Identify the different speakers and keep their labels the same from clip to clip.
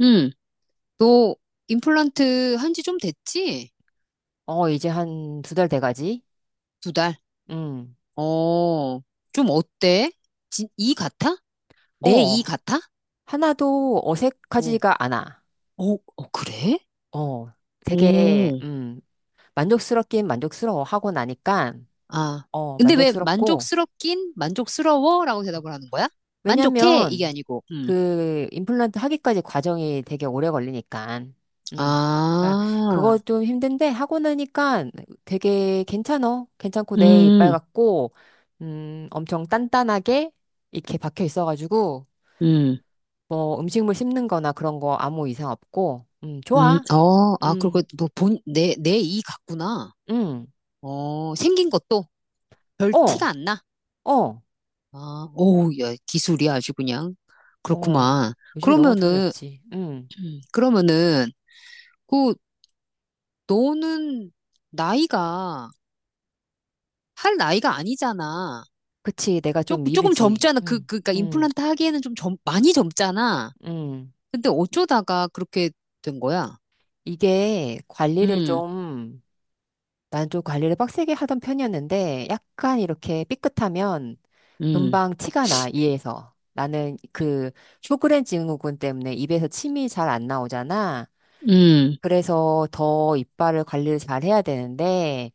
Speaker 1: 응, 너 임플란트 한 지 좀 됐지?
Speaker 2: 이제 한 2달 돼가지?
Speaker 1: 두 달.
Speaker 2: 음.
Speaker 1: 어, 좀 어때? 이 같아? 내 이
Speaker 2: 어,
Speaker 1: 같아?
Speaker 2: 하나도
Speaker 1: 어,
Speaker 2: 어색하지가 않아.
Speaker 1: 어, 어, 그래?
Speaker 2: 어, 되게,
Speaker 1: 오,
Speaker 2: 만족스럽긴 만족스러워 하고 나니까,
Speaker 1: 아.
Speaker 2: 어,
Speaker 1: 근데 왜
Speaker 2: 만족스럽고,
Speaker 1: 만족스럽긴? 만족스러워? 라고 대답을 하는 거야? 만족해? 이게
Speaker 2: 왜냐면,
Speaker 1: 아니고,
Speaker 2: 그, 임플란트 하기까지 과정이 되게 오래 걸리니까, 음. 그러니까
Speaker 1: 아,
Speaker 2: 그거 좀 힘든데, 하고 나니까 되게 괜찮어. 괜찮고, 내 이빨
Speaker 1: 음,
Speaker 2: 같고, 엄청 단단하게 이렇게 박혀 있어가지고,
Speaker 1: 음,
Speaker 2: 뭐 음식물 씹는 거나 그런 거 아무 이상 없고, 좋아.
Speaker 1: 어, 아, 그리고
Speaker 2: 음,
Speaker 1: 너 내 이 같구나.
Speaker 2: 음,
Speaker 1: 어, 생긴 것도 별 티가
Speaker 2: 어,
Speaker 1: 안 나.
Speaker 2: 어,
Speaker 1: 아, 오우, 야, 기술이 아주 그냥.
Speaker 2: 어.
Speaker 1: 그렇구만.
Speaker 2: 요즘에 너무
Speaker 1: 그러면은,
Speaker 2: 좋아졌지. 음.
Speaker 1: 그러면은, 그, 너는 나이가, 할 나이가 아니잖아.
Speaker 2: 그치. 내가 좀
Speaker 1: 조금, 조금
Speaker 2: 미르지.
Speaker 1: 젊잖아. 그니까
Speaker 2: 음,
Speaker 1: 임플란트 하기에는 많이 젊잖아.
Speaker 2: 음.
Speaker 1: 근데 어쩌다가 그렇게 된 거야?
Speaker 2: 이게 관리를
Speaker 1: 음,
Speaker 2: 좀, 난 좀 관리를 빡세게 하던 편이었는데, 약간 이렇게 삐끗하면
Speaker 1: 음,
Speaker 2: 금방 티가 나, 이에서. 나는 그 쇼그렌 증후군 때문에 입에서 침이 잘 안 나오잖아.
Speaker 1: 음.
Speaker 2: 그래서 더 이빨을 관리를 잘 해야 되는데,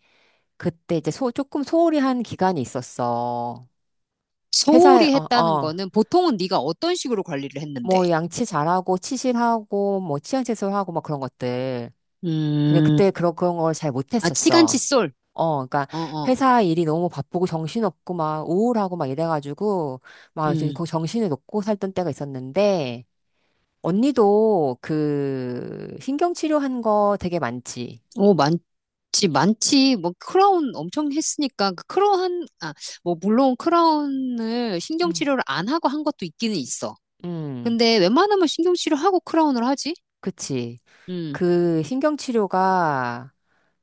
Speaker 2: 그때 이제 조금 소홀히 한 기간이 있었어. 회사에,
Speaker 1: 소홀히 했다는 거는 보통은 네가 어떤 식으로 관리를 했는데?
Speaker 2: 뭐 양치 잘하고, 치실하고, 뭐 치약 제소하고, 막 그런 것들. 근데 그때
Speaker 1: 음,
Speaker 2: 그런 걸 잘
Speaker 1: 아,
Speaker 2: 못했었어.
Speaker 1: 치간칫솔.
Speaker 2: 그러니까
Speaker 1: 어, 어,
Speaker 2: 회사 일이 너무 바쁘고 정신없고 막 우울하고 막 이래가지고 막 이제
Speaker 1: 음.
Speaker 2: 그 정신을 놓고 살던 때가 있었는데 언니도 그 신경치료 한 거 되게 많지.
Speaker 1: 오, 많지, 많지. 뭐, 크라운 엄청 했으니까, 아, 뭐, 물론 크라운을
Speaker 2: 응.
Speaker 1: 신경치료를 안 하고 한 것도 있기는 있어.
Speaker 2: 응,
Speaker 1: 근데 웬만하면 신경치료하고 크라운을 하지?
Speaker 2: 그치.
Speaker 1: 음,
Speaker 2: 그 신경치료가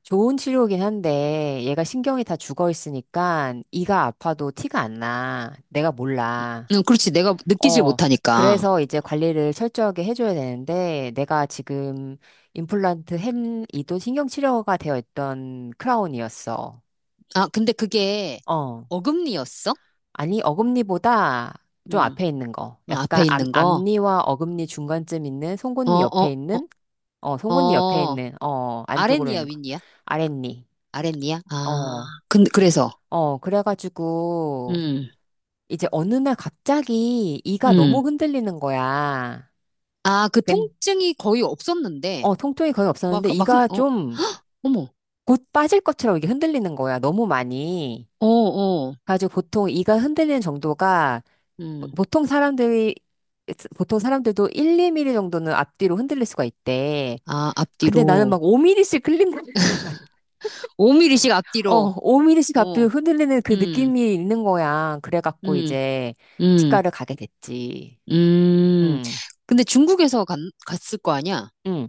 Speaker 2: 좋은 치료긴 한데 얘가 신경이 다 죽어 있으니까 이가 아파도 티가 안 나. 내가 몰라.
Speaker 1: 그렇지. 내가 느끼질
Speaker 2: 어.
Speaker 1: 못하니까.
Speaker 2: 그래서 이제 관리를 철저하게 해줘야 되는데 내가 지금 임플란트 햄 이도 신경치료가 되어 있던 크라운이었어.
Speaker 1: 아, 근데 그게
Speaker 2: 어.
Speaker 1: 어금니였어?
Speaker 2: 아니 어금니보다 좀
Speaker 1: 음,
Speaker 2: 앞에 있는 거.
Speaker 1: 어, 앞에
Speaker 2: 약간
Speaker 1: 있는 거.
Speaker 2: 앞니와 어금니 중간쯤 있는
Speaker 1: 어,
Speaker 2: 송곳니
Speaker 1: 어,
Speaker 2: 옆에 있는
Speaker 1: 어,
Speaker 2: 송곳니 옆에
Speaker 1: 어,
Speaker 2: 있는 안쪽으로
Speaker 1: 아랫니야,
Speaker 2: 있는 거.
Speaker 1: 윗니야?
Speaker 2: 아랫니.
Speaker 1: 아랫니야? 아,
Speaker 2: 어,
Speaker 1: 근 그래서,
Speaker 2: 그래가지고,
Speaker 1: 음,
Speaker 2: 이제 어느 날 갑자기 이가
Speaker 1: 음.
Speaker 2: 너무 흔들리는 거야.
Speaker 1: 아, 그
Speaker 2: 근,
Speaker 1: 통증이 거의 없었는데,
Speaker 2: 통증이 거의 없었는데, 이가
Speaker 1: 어,
Speaker 2: 좀
Speaker 1: 어머.
Speaker 2: 곧 빠질 것처럼 이게 흔들리는 거야. 너무 많이.
Speaker 1: 어, 어,
Speaker 2: 그래가지고 보통 이가 흔들리는 정도가, 보-
Speaker 1: 음.
Speaker 2: 보통 사람들이, 보통 사람들도 1, 2mm 정도는 앞뒤로 흔들릴 수가 있대.
Speaker 1: 아,
Speaker 2: 근데 나는
Speaker 1: 앞뒤로.
Speaker 2: 막 5mm씩 흔들리는 거야.
Speaker 1: 5mm씩 앞뒤로.
Speaker 2: 5mm씩
Speaker 1: 어,
Speaker 2: 앞뒤로 흔들리는 그
Speaker 1: 음,
Speaker 2: 느낌이 있는 거야. 그래갖고
Speaker 1: 음,
Speaker 2: 이제
Speaker 1: 음,
Speaker 2: 치과를 가게 됐지.
Speaker 1: 음.
Speaker 2: 음,
Speaker 1: 근데 갔을 거 아니야?
Speaker 2: 음.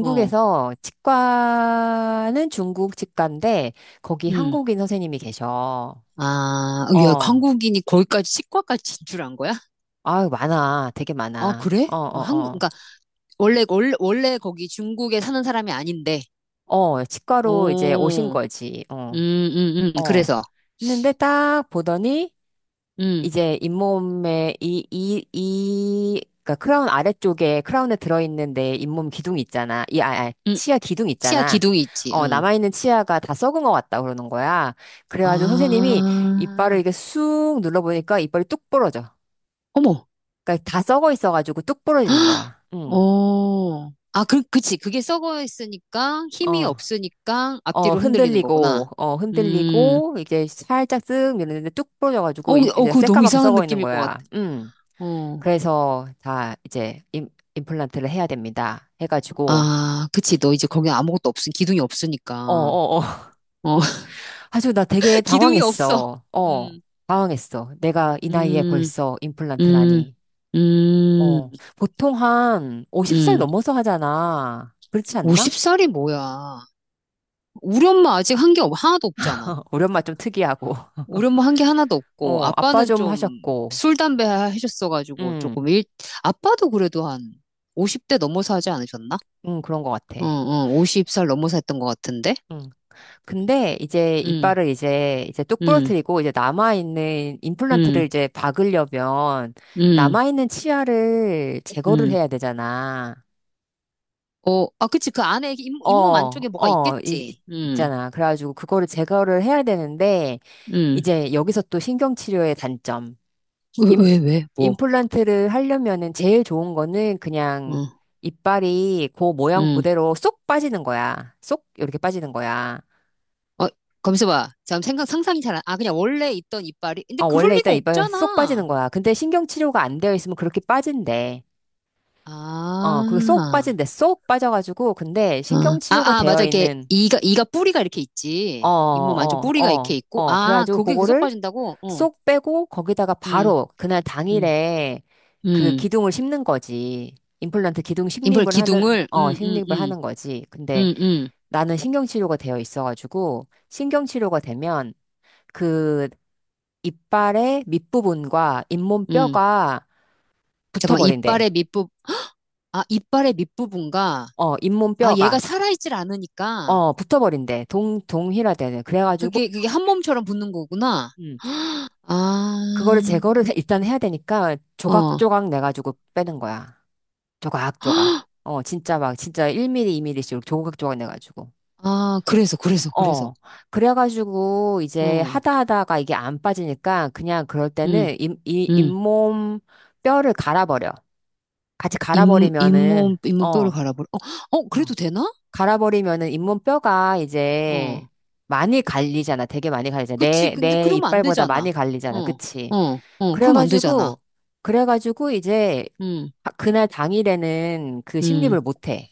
Speaker 1: 어,
Speaker 2: 치과는 중국 치과인데 거기
Speaker 1: 음.
Speaker 2: 한국인 선생님이 계셔.
Speaker 1: 아, 어, 야,
Speaker 2: 어,
Speaker 1: 한국인이 거기까지 치과까지 진출한 거야?
Speaker 2: 아유 많아, 되게
Speaker 1: 아,
Speaker 2: 많아.
Speaker 1: 그래?
Speaker 2: 어,
Speaker 1: 어,
Speaker 2: 어,
Speaker 1: 한국,
Speaker 2: 어,
Speaker 1: 그러니까 원래 거기 중국에 사는 사람이 아닌데.
Speaker 2: 어, 치과로 이제 오신
Speaker 1: 어,
Speaker 2: 거지. 어, 어.
Speaker 1: 그래서,
Speaker 2: 했는데 딱 보더니
Speaker 1: 음,
Speaker 2: 이제 잇몸에 그러니까 크라운 아래쪽에 크라운에 들어있는 내 잇몸 기둥 있잖아.
Speaker 1: 음.
Speaker 2: 치아 기둥
Speaker 1: 치아
Speaker 2: 있잖아.
Speaker 1: 기둥이 있지. 응.
Speaker 2: 남아있는 치아가 다 썩은 것 같다 그러는 거야. 그래가지고 선생님이 이빨을
Speaker 1: 아,
Speaker 2: 이렇게 쑥 눌러보니까 이빨이 뚝 부러져.
Speaker 1: 어머.
Speaker 2: 그러니까 다 썩어 있어가지고 뚝 부러지는
Speaker 1: 헉!
Speaker 2: 거야. 응.
Speaker 1: 어. 아, 그, 그치. 그게 썩어 있으니까 힘이
Speaker 2: 어.
Speaker 1: 없으니까 앞뒤로 흔들리는 거구나. 음.
Speaker 2: 흔들리고, 이제 살짝 쓱 밀었는데 뚝
Speaker 1: 어,
Speaker 2: 부러져가지고,
Speaker 1: 어,
Speaker 2: 이제
Speaker 1: 그거 너무
Speaker 2: 새까맣게
Speaker 1: 이상한
Speaker 2: 썩어 있는
Speaker 1: 느낌일 것 같아.
Speaker 2: 거야. 음.
Speaker 1: 어.
Speaker 2: 그래서 다 이제 임플란트를 해야 됩니다. 해가지고,
Speaker 1: 아, 그치. 너 이제 거기 기둥이
Speaker 2: 어,
Speaker 1: 없으니까.
Speaker 2: 어, 어.
Speaker 1: 어,
Speaker 2: 아주 나 되게
Speaker 1: 기둥이 없어.
Speaker 2: 당황했어.
Speaker 1: 음,
Speaker 2: 당황했어. 내가 이 나이에
Speaker 1: 음,
Speaker 2: 벌써
Speaker 1: 음,
Speaker 2: 임플란트라니.
Speaker 1: 음,
Speaker 2: 어, 보통 한 50살
Speaker 1: 음.
Speaker 2: 넘어서 하잖아. 그렇지 않나?
Speaker 1: 50살이 뭐야. 우리 엄마 아직 한 게 하나도 없잖아.
Speaker 2: 우리 엄마 좀 특이하고.
Speaker 1: 우리 엄마 한 게 하나도 없고,
Speaker 2: 어, 아빠
Speaker 1: 아빠는
Speaker 2: 좀
Speaker 1: 좀
Speaker 2: 하셨고.
Speaker 1: 술, 담배 하셨어가지고, 조금
Speaker 2: 음,
Speaker 1: 일, 아빠도 그래도 한 50대 넘어서 하지 않으셨나?
Speaker 2: 그런 것 같아.
Speaker 1: 응, 응, 50살 넘어서 했던 것 같은데?
Speaker 2: 음. 근데 이제
Speaker 1: 응,
Speaker 2: 이빨을 이제 뚝
Speaker 1: 응,
Speaker 2: 부러뜨리고 이제 남아있는
Speaker 1: 응,
Speaker 2: 임플란트를 이제 박으려면
Speaker 1: 응,
Speaker 2: 남아있는 치아를 제거를
Speaker 1: 응.
Speaker 2: 해야 되잖아.
Speaker 1: 어, 아, 그치. 그 안에 잇몸
Speaker 2: 어,
Speaker 1: 안쪽에 뭐가
Speaker 2: 어, 이, 이-
Speaker 1: 있겠지. 응,
Speaker 2: 있잖아. 그래가지고 그거를 제거를 해야 되는데
Speaker 1: 응.
Speaker 2: 이제 여기서 또 신경치료의 단점. 임,
Speaker 1: 뭐.
Speaker 2: 임플란트를 하려면은 제일 좋은 거는 그냥
Speaker 1: 응,
Speaker 2: 이빨이 그 모양
Speaker 1: 응.
Speaker 2: 그대로 쏙 빠지는 거야. 쏙 이렇게 빠지는 거야.
Speaker 1: 어, 검수봐. 상상이 잘 안, 아, 그냥 원래 있던 이빨이. 근데
Speaker 2: 어,
Speaker 1: 그럴
Speaker 2: 원래 있따
Speaker 1: 리가
Speaker 2: 이빨 쏙
Speaker 1: 없잖아.
Speaker 2: 빠지는 거야. 근데 신경 치료가 안 되어 있으면 그렇게 빠진대. 어, 그게 쏙
Speaker 1: 아.
Speaker 2: 빠진대. 쏙 빠져가지고, 근데 신경 치료가
Speaker 1: 아, 맞아.
Speaker 2: 되어
Speaker 1: 이게
Speaker 2: 있는,
Speaker 1: 이가 뿌리가 이렇게
Speaker 2: 어,
Speaker 1: 있지. 잇몸 안쪽
Speaker 2: 어,
Speaker 1: 뿌리가 이렇게
Speaker 2: 어,
Speaker 1: 있고.
Speaker 2: 어.
Speaker 1: 아,
Speaker 2: 그래가지고
Speaker 1: 거기에 계속
Speaker 2: 그거를
Speaker 1: 빠진다고? 어.
Speaker 2: 쏙 빼고 거기다가
Speaker 1: 음.
Speaker 2: 바로 그날
Speaker 1: 음.
Speaker 2: 당일에 그
Speaker 1: 음.
Speaker 2: 기둥을 심는 거지. 임플란트 기둥
Speaker 1: 인플
Speaker 2: 식립을 하는,
Speaker 1: 기둥을
Speaker 2: 어, 식립을 하는 거지. 근데
Speaker 1: 음, 음.
Speaker 2: 나는 신경 치료가 되어 있어가지고, 신경 치료가 되면 그 이빨의 밑부분과
Speaker 1: 음.
Speaker 2: 잇몸뼈가
Speaker 1: 잠깐만.
Speaker 2: 붙어버린대.
Speaker 1: 이빨의 밑부 아, 이빨의 밑부분과
Speaker 2: 어,
Speaker 1: 아, 얘가
Speaker 2: 잇몸뼈가,
Speaker 1: 살아있질 않으니까
Speaker 2: 어, 붙어버린대. 동일화되는. 그래가지고,
Speaker 1: 그게 한 몸처럼 붙는 거구나.
Speaker 2: 음,
Speaker 1: 아.
Speaker 2: 그거를 제거를 일단 해야 되니까
Speaker 1: 어.
Speaker 2: 조각조각 내가지고 빼는 거야. 조각조각. 어, 진짜 막, 진짜 1mm, 2mm씩 조각조각 내가지고.
Speaker 1: 아, 그래서.
Speaker 2: 어, 그래가지고 이제
Speaker 1: 어.
Speaker 2: 하다 하다가 이게 안 빠지니까 그냥 그럴
Speaker 1: 음.
Speaker 2: 때는
Speaker 1: 음.
Speaker 2: 잇몸 뼈를 갈아버려. 같이
Speaker 1: 잇,
Speaker 2: 갈아버리면은, 어,
Speaker 1: 잇몸뼈를
Speaker 2: 어.
Speaker 1: 갈아버려. 어, 어, 그래도 되나?
Speaker 2: 갈아버리면은 잇몸뼈가 이제
Speaker 1: 어.
Speaker 2: 많이 갈리잖아. 되게 많이 갈리잖아.
Speaker 1: 그치. 근데
Speaker 2: 내
Speaker 1: 그러면 안
Speaker 2: 이빨보다
Speaker 1: 되잖아.
Speaker 2: 많이 갈리잖아.
Speaker 1: 어,
Speaker 2: 그치?
Speaker 1: 어, 어, 그러면 안 되잖아.
Speaker 2: 그래가지고, 그래가지고 이제
Speaker 1: 음,
Speaker 2: 그날 당일에는 그
Speaker 1: 음.
Speaker 2: 식립을 못해.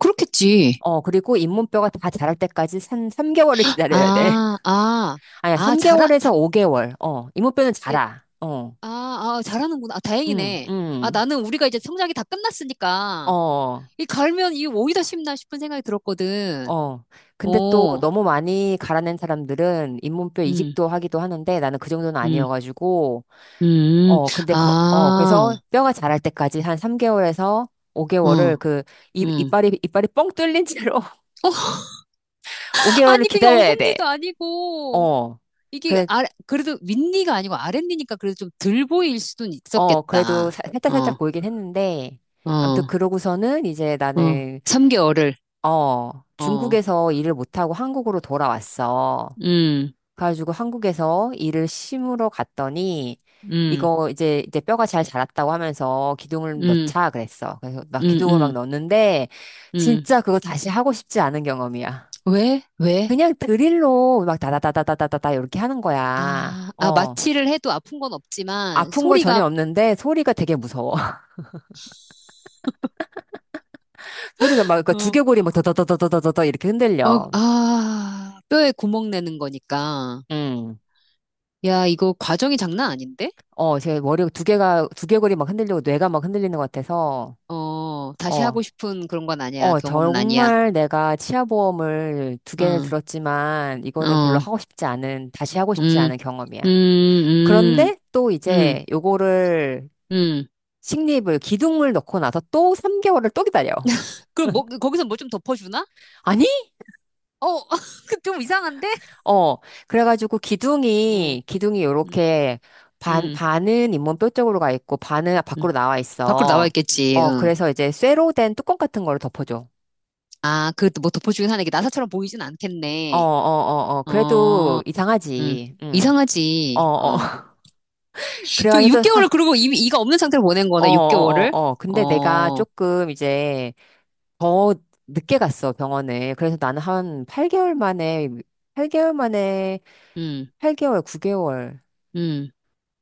Speaker 1: 그렇겠지.
Speaker 2: 어, 그리고 잇몸뼈가 다 자랄 때까지 삼 3개월을 기다려야 돼.
Speaker 1: 아,
Speaker 2: 아니야,
Speaker 1: 아, 잘하, 자,
Speaker 2: 3개월에서 5개월. 어, 잇몸뼈는
Speaker 1: 예,
Speaker 2: 자라. 어,
Speaker 1: 아, 아, 잘하는구나. 아,
Speaker 2: 응,
Speaker 1: 다행이네. 아,
Speaker 2: 응,
Speaker 1: 나는 우리가 이제 성장이 다 끝났으니까.
Speaker 2: 어,
Speaker 1: 이 갈면 이 오이다 싶나 싶은 생각이 들었거든.
Speaker 2: 어. 근데 또
Speaker 1: 어,
Speaker 2: 너무 많이 갈아낸 사람들은 잇몸뼈
Speaker 1: 음,
Speaker 2: 이식도 하기도 하는데 나는 그 정도는
Speaker 1: 음,
Speaker 2: 아니어가지고
Speaker 1: 음.
Speaker 2: 어, 근데,
Speaker 1: 아,
Speaker 2: 그래서 뼈가 자랄 때까지 한 3개월에서 5개월을
Speaker 1: 어,
Speaker 2: 그,
Speaker 1: 음.
Speaker 2: 이빨이 뻥 뚫린 채로
Speaker 1: 어,
Speaker 2: 5개월을
Speaker 1: 아니, 그게
Speaker 2: 기다려야 돼.
Speaker 1: 어금니도 아니고.
Speaker 2: 어.
Speaker 1: 이게
Speaker 2: 그래,
Speaker 1: 아 그래도 윗니가 아니고 아랫니니까 그래도 좀 덜 보일 수는
Speaker 2: 그래도
Speaker 1: 있었겠다.
Speaker 2: 살짝살짝
Speaker 1: 어,
Speaker 2: 보이긴 했는데,
Speaker 1: 어,
Speaker 2: 아무튼 그러고서는 이제
Speaker 1: 어.
Speaker 2: 나는,
Speaker 1: 3개월을.
Speaker 2: 어,
Speaker 1: 어,
Speaker 2: 중국에서 일을 못하고 한국으로 돌아왔어.
Speaker 1: 음,
Speaker 2: 가지고 한국에서 이를 심으러 갔더니
Speaker 1: 음,
Speaker 2: 이거 이제 뼈가 잘 자랐다고 하면서 기둥을
Speaker 1: 음,
Speaker 2: 넣자 그랬어. 그래서 막
Speaker 1: 음,
Speaker 2: 기둥을 막
Speaker 1: 음,
Speaker 2: 넣었는데
Speaker 1: 음.
Speaker 2: 진짜 그거 다시 하고 싶지 않은 경험이야.
Speaker 1: 왜? 왜?
Speaker 2: 그냥 드릴로 막 다다다다다다다다 이렇게 하는 거야.
Speaker 1: 아, 아,
Speaker 2: 어.
Speaker 1: 마취를 해도 아픈 건 없지만
Speaker 2: 아픈 건
Speaker 1: 소리가
Speaker 2: 전혀 없는데 소리가 되게 무서워. 소리가 막 그
Speaker 1: 어,
Speaker 2: 두개골이 막 더더더더더더더 이렇게
Speaker 1: 어,
Speaker 2: 흔들려.
Speaker 1: 아, 뼈에 구멍 내는 거니까.
Speaker 2: 음.
Speaker 1: 야, 이거 과정이 장난 아닌데?
Speaker 2: 어, 제 머리 두 개가 두개골이 막 흔들리고 뇌가 막 흔들리는 것 같아서
Speaker 1: 어, 다시 하고
Speaker 2: 어.
Speaker 1: 싶은 그런 건 아니야.
Speaker 2: 어,
Speaker 1: 경험은 아니야.
Speaker 2: 정말 내가 치아보험을 두 개를
Speaker 1: 어,
Speaker 2: 들었지만 이거는 별로
Speaker 1: 어,
Speaker 2: 하고 싶지 않은, 다시 하고 싶지
Speaker 1: 음,
Speaker 2: 않은 경험이야.
Speaker 1: 음, 음.
Speaker 2: 그런데 또
Speaker 1: 음.
Speaker 2: 이제 요거를
Speaker 1: 음.
Speaker 2: 식립을, 기둥을 넣고 나서 또 3개월을 또 기다려.
Speaker 1: 그럼 뭐, 거기서 뭐 좀 덮어주나?
Speaker 2: 아니?
Speaker 1: 어, 그 좀 이상한데?
Speaker 2: 어, 그래가지고
Speaker 1: 응,
Speaker 2: 기둥이
Speaker 1: 응,
Speaker 2: 요렇게
Speaker 1: 응,
Speaker 2: 반은 잇몸뼈 쪽으로 가 있고 반은
Speaker 1: 응.
Speaker 2: 밖으로 나와
Speaker 1: 밖으로 나와
Speaker 2: 있어.
Speaker 1: 있겠지,
Speaker 2: 어,
Speaker 1: 응.
Speaker 2: 그래서 이제 쇠로 된 뚜껑 같은 거를 덮어줘.
Speaker 1: 아, 그 뭐 덮어주긴 하네. 이게 나사처럼 보이진
Speaker 2: 어, 어,
Speaker 1: 않겠네.
Speaker 2: 어, 어.
Speaker 1: 어,
Speaker 2: 그래도
Speaker 1: 응.
Speaker 2: 이상하지. 응. 어,
Speaker 1: 이상하지,
Speaker 2: 어.
Speaker 1: 어. 그리고
Speaker 2: 그래가지고 또
Speaker 1: 6개월을,
Speaker 2: 사,
Speaker 1: 그리고 이가 없는 상태로 보낸
Speaker 2: 어,
Speaker 1: 거네,
Speaker 2: 어, 어,
Speaker 1: 6개월을.
Speaker 2: 어. 근데 내가
Speaker 1: 어,
Speaker 2: 조금 이제 더 늦게 갔어, 병원에. 그래서 나는 한 8개월 만에, 8개월 만에,
Speaker 1: 음,
Speaker 2: 8개월, 9개월,
Speaker 1: 음,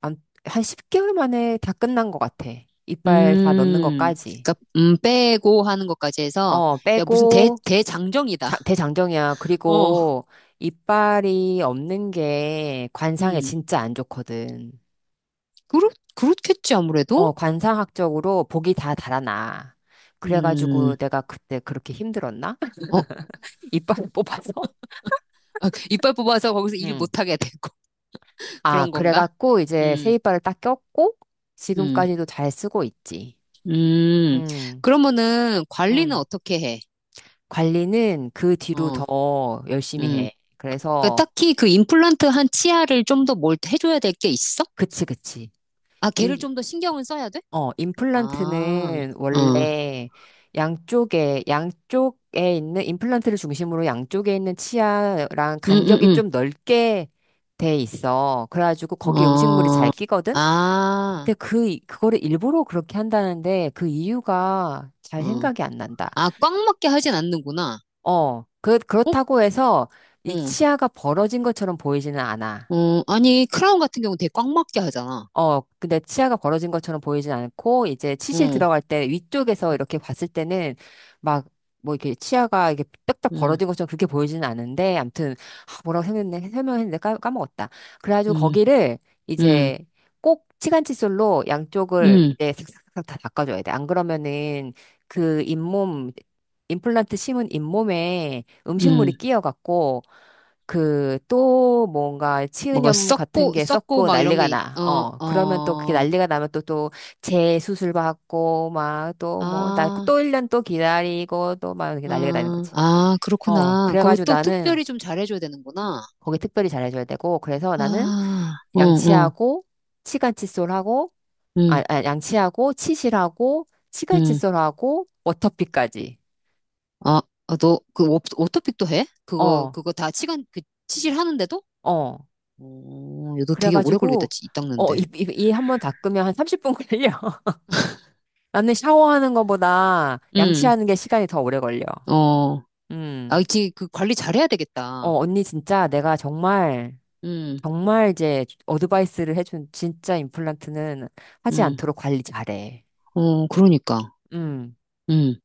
Speaker 2: 암- 한 10개월 만에 다 끝난 것 같아. 이빨 다 넣는
Speaker 1: 음.
Speaker 2: 것까지.
Speaker 1: 그니까, 빼고 하는 것까지 해서,
Speaker 2: 어,
Speaker 1: 야, 무슨
Speaker 2: 빼고,
Speaker 1: 대장정이다.
Speaker 2: 대장정이야.
Speaker 1: 어,
Speaker 2: 그리고 이빨이 없는 게 관상에
Speaker 1: 음.
Speaker 2: 진짜 안 좋거든.
Speaker 1: 그렇, 그렇겠지, 아무래도?
Speaker 2: 어, 관상학적으로 복이 다 달아나.
Speaker 1: 음.
Speaker 2: 그래가지고 내가 그때 그렇게 힘들었나?
Speaker 1: 어,
Speaker 2: 이빨을 뽑아서?
Speaker 1: 아, 이빨 뽑아서 거기서 일
Speaker 2: 응.
Speaker 1: 못하게 되고
Speaker 2: 아,
Speaker 1: 그런 건가?
Speaker 2: 그래갖고 이제
Speaker 1: 음,
Speaker 2: 세이바를 딱 꼈고
Speaker 1: 음,
Speaker 2: 지금까지도 잘 쓰고 있지.
Speaker 1: 음.
Speaker 2: 응,
Speaker 1: 그러면은 관리는
Speaker 2: 응.
Speaker 1: 어떻게 해?
Speaker 2: 관리는 그 뒤로
Speaker 1: 어,
Speaker 2: 더 열심히
Speaker 1: 음.
Speaker 2: 해.
Speaker 1: 그
Speaker 2: 그래서
Speaker 1: 딱히 그 임플란트 한 치아를 좀 더 뭘 해줘야 될 게 있어?
Speaker 2: 그치, 그치.
Speaker 1: 아, 걔를
Speaker 2: 임,
Speaker 1: 좀 더 신경을 써야 돼? 아,
Speaker 2: 임플란트는
Speaker 1: 어,
Speaker 2: 원래 양쪽에 있는 임플란트를 중심으로 양쪽에 있는 치아랑
Speaker 1: 음,
Speaker 2: 간격이
Speaker 1: 음,
Speaker 2: 좀 넓게 돼 있어. 그래가지고 거기 음식물이
Speaker 1: 어,
Speaker 2: 잘 끼거든.
Speaker 1: 아,
Speaker 2: 근데 그거를 일부러 그렇게 한다는데 그 이유가
Speaker 1: 어.
Speaker 2: 잘 생각이 안 난다.
Speaker 1: 아, 꽉 맞게 하진 않는구나.
Speaker 2: 어,
Speaker 1: 어?
Speaker 2: 그렇다고 해서 이
Speaker 1: 어,
Speaker 2: 치아가 벌어진 것처럼 보이지는 않아.
Speaker 1: 어. 아니, 크라운 같은 경우 되게 꽉 맞게 하잖아.
Speaker 2: 어, 근데 치아가 벌어진 것처럼 보이진 않고, 이제 치실
Speaker 1: 어,
Speaker 2: 들어갈 때 위쪽에서 이렇게 봤을 때는 막, 뭐 이렇게 치아가 이렇게 딱딱
Speaker 1: 음,
Speaker 2: 벌어진 것처럼 그렇게 보이지는 않은데, 암튼, 아, 뭐라고 설명했네, 설명했는데 까먹었다. 그래가지고
Speaker 1: 음,
Speaker 2: 거기를
Speaker 1: 음,
Speaker 2: 이제 꼭 치간칫솔로 양쪽을
Speaker 1: 음,
Speaker 2: 이제 싹싹싹 다 닦아줘야 돼. 안 그러면은 그 잇몸, 임플란트 심은 잇몸에 음식물이
Speaker 1: 음.
Speaker 2: 끼어갖고, 그 또 뭔가
Speaker 1: 뭐가
Speaker 2: 치은염 같은
Speaker 1: 썩고
Speaker 2: 게
Speaker 1: 썩고
Speaker 2: 썩고
Speaker 1: 막 이런 게
Speaker 2: 난리가
Speaker 1: 있-
Speaker 2: 나.
Speaker 1: 어,
Speaker 2: 어, 그러면 또 그게
Speaker 1: 어.
Speaker 2: 난리가 나면 또 재수술 받고 막 또 뭐 나
Speaker 1: 아,
Speaker 2: 또 1년 또 기다리고 또 막 이렇게 난리가 나는 거지.
Speaker 1: 아,
Speaker 2: 어,
Speaker 1: 그렇구나. 거기
Speaker 2: 그래가지고
Speaker 1: 또
Speaker 2: 나는
Speaker 1: 특별히 좀 잘해줘야 되는구나.
Speaker 2: 거기 특별히 잘해줘야 되고 그래서 나는
Speaker 1: 아, 어, 어,
Speaker 2: 양치하고 치간칫솔하고
Speaker 1: 응,
Speaker 2: 양치하고 치실하고
Speaker 1: 응.
Speaker 2: 치간칫솔하고 워터피까지.
Speaker 1: 아, 아, 너, 그, 오, 오토픽도 해?
Speaker 2: 어,
Speaker 1: 그거 다 시간, 그, 치질 하는데도?
Speaker 2: 어.
Speaker 1: 어, 야, 너 되게 오래 걸리겠다,
Speaker 2: 그래가지고
Speaker 1: 이
Speaker 2: 어,
Speaker 1: 닦는데.
Speaker 2: 이 한 번 닦으면 한 30분 걸려. 나는 샤워하는 것보다
Speaker 1: 응,
Speaker 2: 양치하는 게 시간이 더 오래 걸려.
Speaker 1: 어. 아,
Speaker 2: 음.
Speaker 1: 이제 그 관리 잘해야
Speaker 2: 어,
Speaker 1: 되겠다.
Speaker 2: 언니 진짜 내가 정말,
Speaker 1: 응,
Speaker 2: 정말 이제 어드바이스를 해준 진짜 임플란트는 하지
Speaker 1: 응.
Speaker 2: 않도록 관리 잘해.
Speaker 1: 어, 그러니까.
Speaker 2: 음.
Speaker 1: 응.